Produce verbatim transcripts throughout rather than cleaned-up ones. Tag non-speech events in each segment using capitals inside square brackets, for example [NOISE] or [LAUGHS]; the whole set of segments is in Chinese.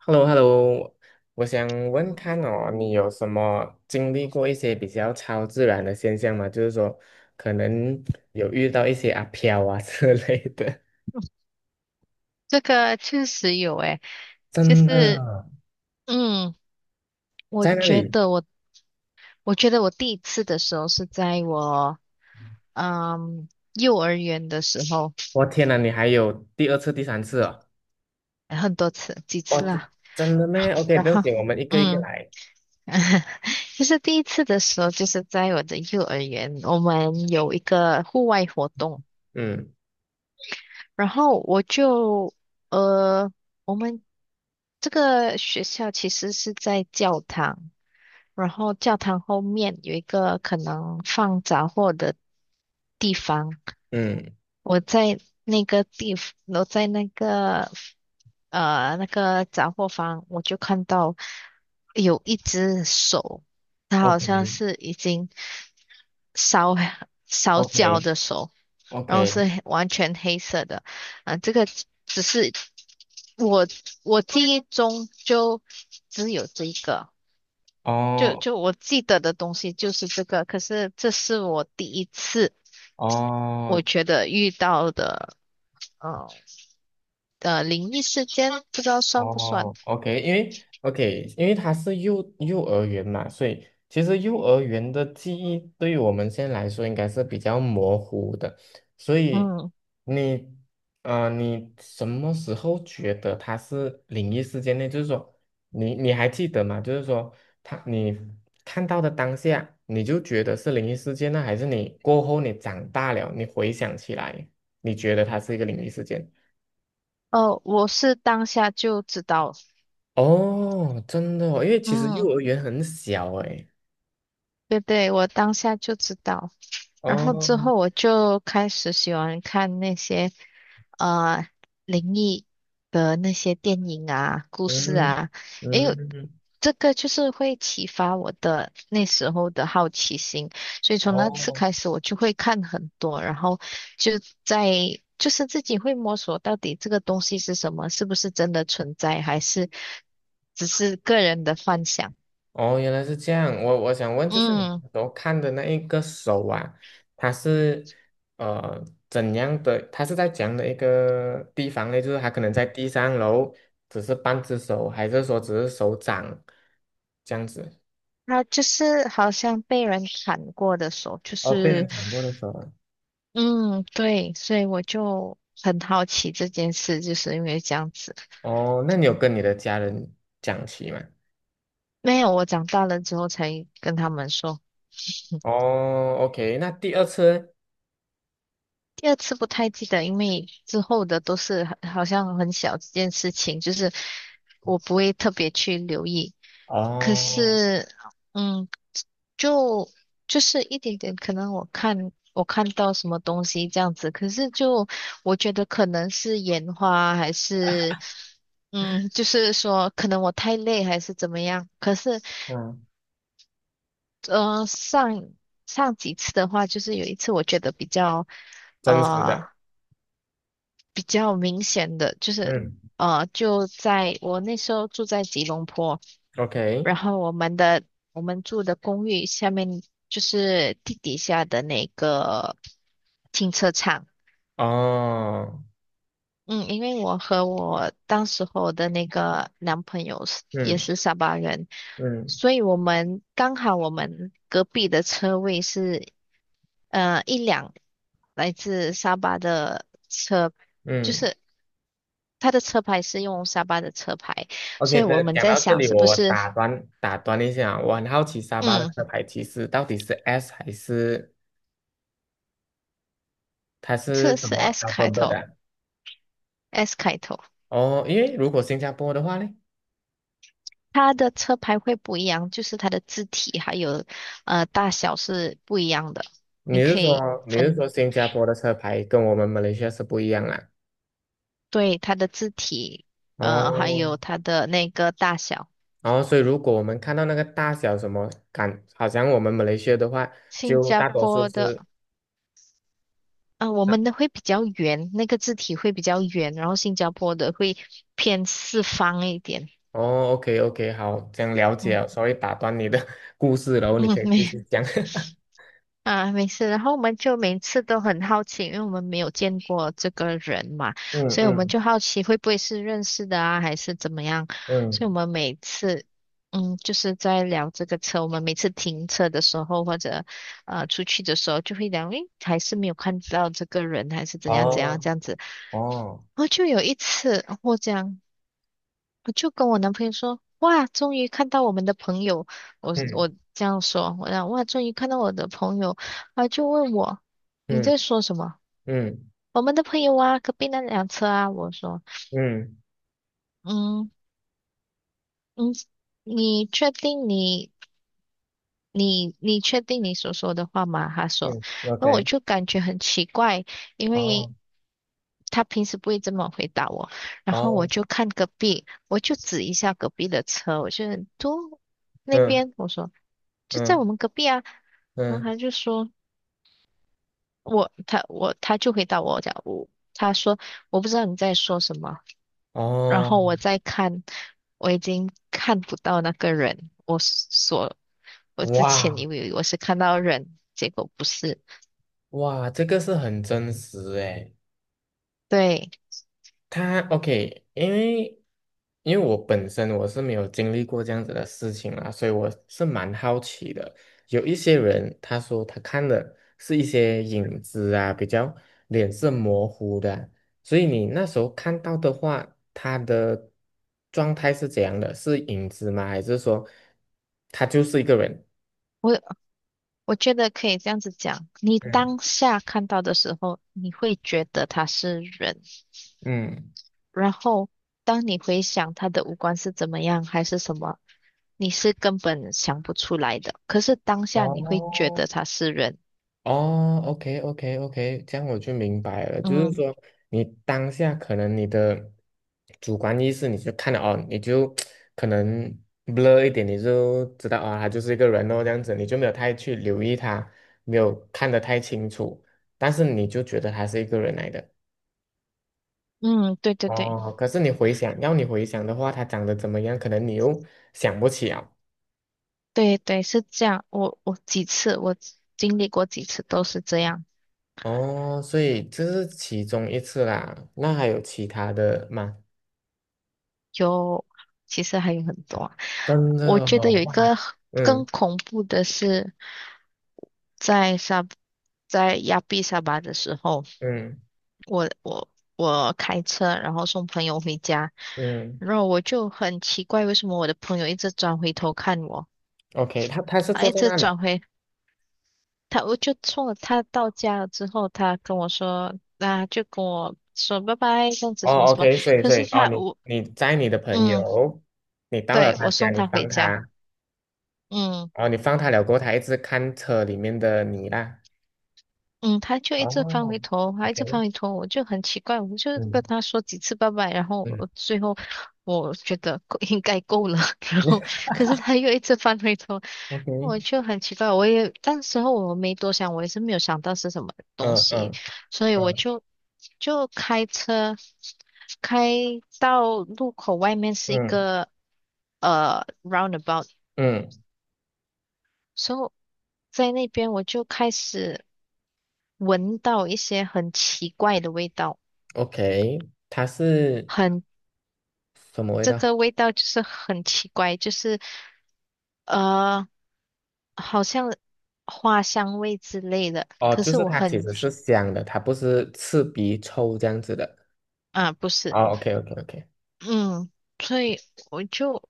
h e l l o h e l l o。 我想问看哦，你有什么经历过一些比较超自然的现象吗？就是说，可能有遇到一些阿飘啊之类的。这个确实有诶，就真是的，嗯，我在那觉里，得我，我觉得我第一次的时候是在我嗯幼儿园的时候。我天哪，你还有第二次、第三次哦？很多次，几哦，次真啦。真的咩？OK，然不用后紧，我们一个一个嗯，来。[LAUGHS] 就是第一次的时候，就是在我的幼儿园，我们有一个户外活动。嗯然后我就呃，我们这个学校其实是在教堂。然后教堂后面有一个可能放杂货的地方。嗯我在那个地，我在那个呃那个杂货房，我就看到有一只手。它好，OK 像是已经烧烧 OK 焦的手，OK，然后是完全黑色的。啊、这个只是我我记忆中就只有这一个。就哦就我记得的东西就是这个，可是这是我第一次哦，我觉得遇到的呃呃灵异事件，不知道算不算？哦，OK，因为 OK，因为他是幼幼儿园嘛，所以其实幼儿园的记忆对于我们现在来说应该是比较模糊的，所以嗯，你啊，你什么时候觉得它是灵异事件呢？就是说，你你还记得吗？就是说，他你看到的当下，你就觉得是灵异事件呢，还是你过后你长大了，你回想起来，你觉得它是一个灵异事件？哦，我是当下就知道。哦，真的哦，因为其实嗯，幼儿园很小诶。对对，我当下就知道，然后之哦，后我就开始喜欢看那些呃灵异的那些电影啊、故事嗯啊。因为嗯，这个就是会启发我的那时候的好奇心，所以从那次哦开始我就会看很多，然后就在就是自己会摸索到底这个东西是什么，是不是真的存在，还是只是个人的幻想。哦，原来是这样。我我想问，就是你嗯，都看的那一个手啊，它是呃怎样的？它是在怎样的一个地方呢？就是它可能在地上，然后只是半只手，还是说只是手掌这样子？那就是好像被人砍过的手，就哦，被人是。砍过的手啊。嗯，对，所以我就很好奇这件事，就是因为这样子。哦，那你有跟你的家人讲起吗？没有，我长大了之后才跟他们说。哦，OK，那第二次呢？第二次不太记得，因为之后的都是好好像很小这件事情，就是我不会特别去留意。可哦，是，嗯，就就是一点点，可能我看我看到什么东西这样子。可是就我觉得可能是眼花，还是嗯，就是说可能我太累还是怎么样。可是，嗯，呃，上上几次的话，就是有一次我觉得比较真实呃的，比较明显的，就是嗯呃就在我那时候住在吉隆坡。，OK，然后我们的我们住的公寓下面就是地底下的那个停车场。哦，嗯，因为我和我当时候的那个男朋友是也嗯是沙巴人，嗯所以我们刚好我们隔壁的车位是呃一辆来自沙巴的车。就嗯是他的车牌是用沙巴的车牌，，OK 所以我的。们讲在到这想里，是我不我是。打断打断一下，我很好奇沙巴的嗯，车牌其实到底是 S 还是它是这什是 么 S 开 alphabet 的头啊？，S 开头。哦，因为如果新加坡的话呢，它的车牌会不一样，就是它的字体还有呃大小是不一样的。你你是可以说你是分，说新加坡的车牌跟我们马来西亚是不一样啊？对，它的字体，呃，还哦，有它的那个大小。然后所以如果我们看到那个大小什么感，好像我们马来西亚的话，新就加大多数坡的，是。呃，我们的会比较圆，那个字体会比较圆，然后新加坡的会偏四方一点。哦，OK OK，好，这样了解嗯了。s o 打断你的 [LAUGHS] 故事，然后你嗯，可以继没续讲。[LAUGHS] 啊，没事。然后我们就每次都很好奇，因为我们没有见过这个人嘛，嗯所以我们嗯就好奇会不会是认识的啊，还是怎么样？嗯，所以我们每次，嗯，就是在聊这个车。我们每次停车的时候或者呃出去的时候，就会聊，诶，还是没有看到这个人，还是怎样怎样哦这样子。哦，然后就有一次，哦我样。我就跟我男朋友说，哇，终于看到我们的朋友。我我嗯这样说，我讲哇，终于看到我的朋友。啊，就问我你嗯在说什么？嗯我们的朋友啊，隔壁那辆车啊，我说。嗯嗯嗯，你确定你你你确定你所说的话吗？他说。嗯那我，OK，就感觉很奇怪，因为哦他平时不会这么回答我。然后我哦，就看隔壁，我就指一下隔壁的车，我就都那嗯边，我说就在嗯我们隔壁啊。然后嗯，他就说我他我他就回答我讲我他说我不知道你在说什么。然哦，后我再看，我已经看不到那个人。我所我之前哇以为我是看到人，结果不是。哇，这个是很真实诶。对，他 OK，因为因为我本身我是没有经历过这样子的事情啦，所以我是蛮好奇的。有一些人他说他看的是一些影子啊，比较脸色模糊的啊，所以你那时候看到的话，他的状态是怎样的？是影子吗？还是说他就是一个人？我我觉得可以这样子讲，你嗯当下看到的时候，你会觉得他是人。嗯然后当你回想他的五官是怎么样，还是什么，你是根本想不出来的。可是当下你会觉哦，得他是人。哦，OK，OK，OK，这样我就明白了。就是嗯说，你当下可能你的主观意识，你就看了哦，你就可能 blur 一点，你就知道啊、他就是一个人哦，这样子，你就没有太去留意他，没有看得太清楚，但是你就觉得他是一个人来的。嗯，对对对哦，可是你回想，要你回想的话，他长得怎么样，可能你又想不起啊。对对，是这样。我我几次我经历过几次都是这样。哦，所以这是其中一次啦。那还有其他的吗？有，其实还有很多啊。真我的觉得哦，有一个哇，更嗯恐怖的是，在沙在亚庇沙巴的时候，嗯我我我开车，然后送朋友回家。嗯然后我就很奇怪，为什么我的朋友一直转回头看我。，OK，他他是他坐一在直那里，转回他，我就送了他到家了之后，他跟我说，那、就跟我说拜拜，这样子什么哦什么。，OK，所以可所以是哦，他你我你在你的朋嗯，友，你到了对，他我家，送你他回放家，他，嗯。哦，你放他了过后，他一直看车里面的你啦，嗯，他就一直翻哦回头，他一直翻，OK，回头，我就很奇怪，我就跟嗯他说几次拜拜，然后嗯 我最后我觉得够应该够了，[LAUGHS] 然后 [LAUGHS] 可是他又一直翻回头，，OK，我就很奇怪。我也当时候我没多想，我也是没有想到是什么东嗯西，嗯所以我嗯就就开车开到路口外面是一嗯个呃 roundabout。嗯所以在那边我就开始闻到一些很奇怪的味道。，OK，它是很，什么味这道？个味道就是很奇怪，就是呃，好像花香味之类的。哦，可就是是我它其很，实是香的，它不是刺鼻臭这样子的。啊，不是。哦，OK OK OK，嗯，所以我就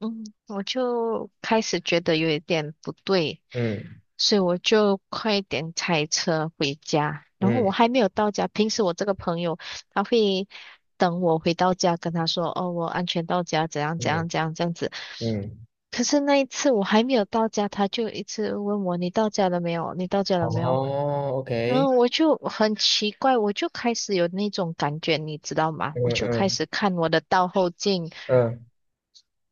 嗯，我就开始觉得有一点不对，嗯所以我就快点开车回家。然后我嗯。还没有到家，平时我这个朋友他会等我回到家，跟他说："哦，我安全到家，怎样怎嗯样怎样这样子。"嗯，可是那一次我还没有到家，他就一直问我："你到家了没有？你到家哦了没有？"然后，OK，我就很奇怪，我就开始有那种感觉，你知道吗？嗯我就开嗯始看我的倒后镜。嗯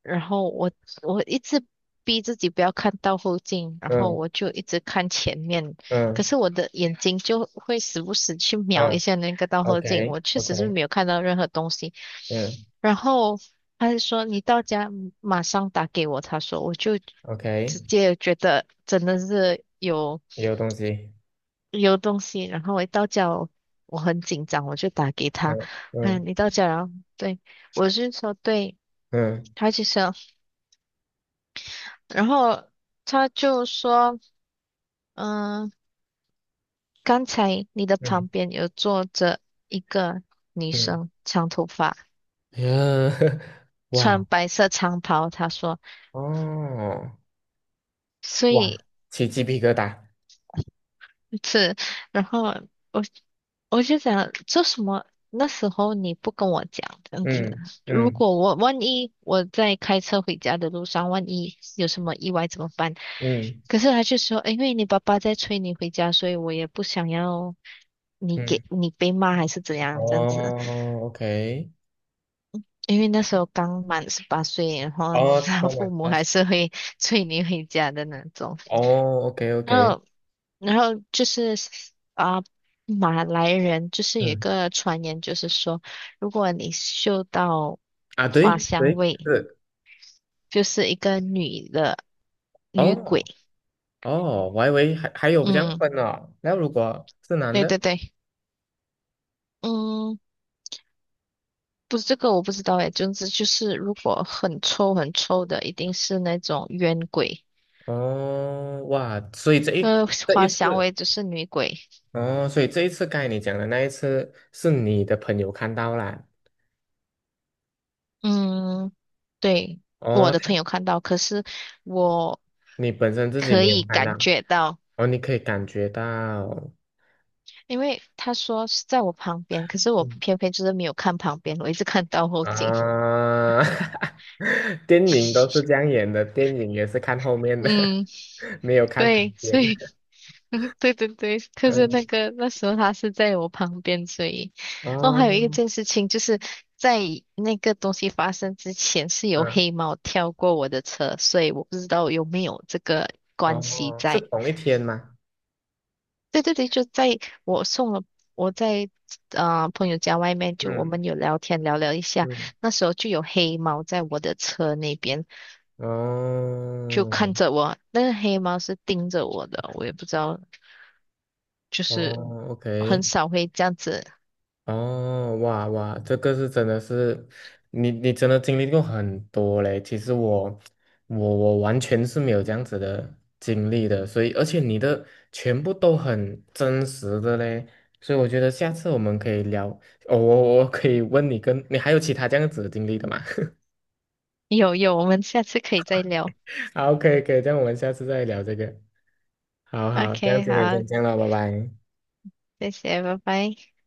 然后我我一直逼自己不要看到后镜，然后嗯我就一直看前面。可嗯是我的眼睛就会时不时去瞄一嗯下那个倒后镜，，OK 我确实是 OK，没有看到任何东西。嗯 然后他就说你到家马上打给我，他说我就直 OK，接觉得真的是有也有东西。有东西。然后我一到家我我很紧张，我就打给他。嗯嗯嗯，你到家然后对，我是说对，嗯他就说。然后他就说，嗯，刚才你的嗯旁边有坐着一个女嗯，生，长头发，嗯，[LAUGHS] 穿哇，白色长袍。他说，哦，所哇，以起鸡皮疙瘩。是，然后我我就想，这什么？那时候你不跟我讲这样子，嗯如嗯果我万一我在开车回家的路上，万一有什么意外怎么办？嗯可是他就说，因为你爸爸在催你回家，所以我也不想要你给嗯，你被骂还是怎样这样子。哦，OK，因为那时候刚满十八岁，然后 哦，[LAUGHS] 慢父慢母慢慢，还是会催你回家的那种。哦，OK 然 OK，后，然后就是啊，马来人就是有一嗯，个传言，就是说，如果你嗅到啊，花对香对味，是，就是一个女的女哦，鬼。哦，我还以为还还有这样嗯，分哦。那如果是男对对的，对。嗯，不是，这个我不知道诶，总之就是如果很臭很臭的，一定是那种冤鬼。哦，哇，所以这一呃，这一滑翔次，尾只是女鬼。哦，所以这一次该你讲的那一次是你的朋友看到啦，嗯，对，我哦，的朋友看到，可是我你本身自己可没以有看到，感觉到。哦，你可以感觉到，因为他说是在我旁边，可是我嗯偏偏就是没有看旁边，我一直看到后颈。[LAUGHS] 啊，[LAUGHS] 电影都是这样演的，电影也是看后面的，嗯，[LAUGHS] 没有看旁对，边所以，的，[LAUGHS] 嗯对对对，可是那嗯，个那时候他是在我旁边，所以。哦，还有一哦，件事情就是在那个东西发生之前是有嗯，黑猫跳过我的车，所以我不知道有没有这个关系哦，是在。同一天吗？对对对，就在我送了我在啊朋友家外面，就我嗯们有聊天聊聊一下。嗯。那时候就有黑猫在我的车那边就哦，看着我，那个黑猫是盯着我的，我也不知道，就哦是很，OK，少会这样子。哦，哇哇，这个是真的是，你你真的经历过很多嘞。其实我我我完全是没有这样子的经历的，所以而且你的全部都很真实的嘞，所以我觉得下次我们可以聊。哦，我我可以问你跟你还有其他这样子的经历的吗？有有，我们下次可以再聊。[LAUGHS] 好，可以可以，这样我们下次再聊这个。好好，这样 OK,今天嗯好，先这样了，拜拜。谢谢，拜拜。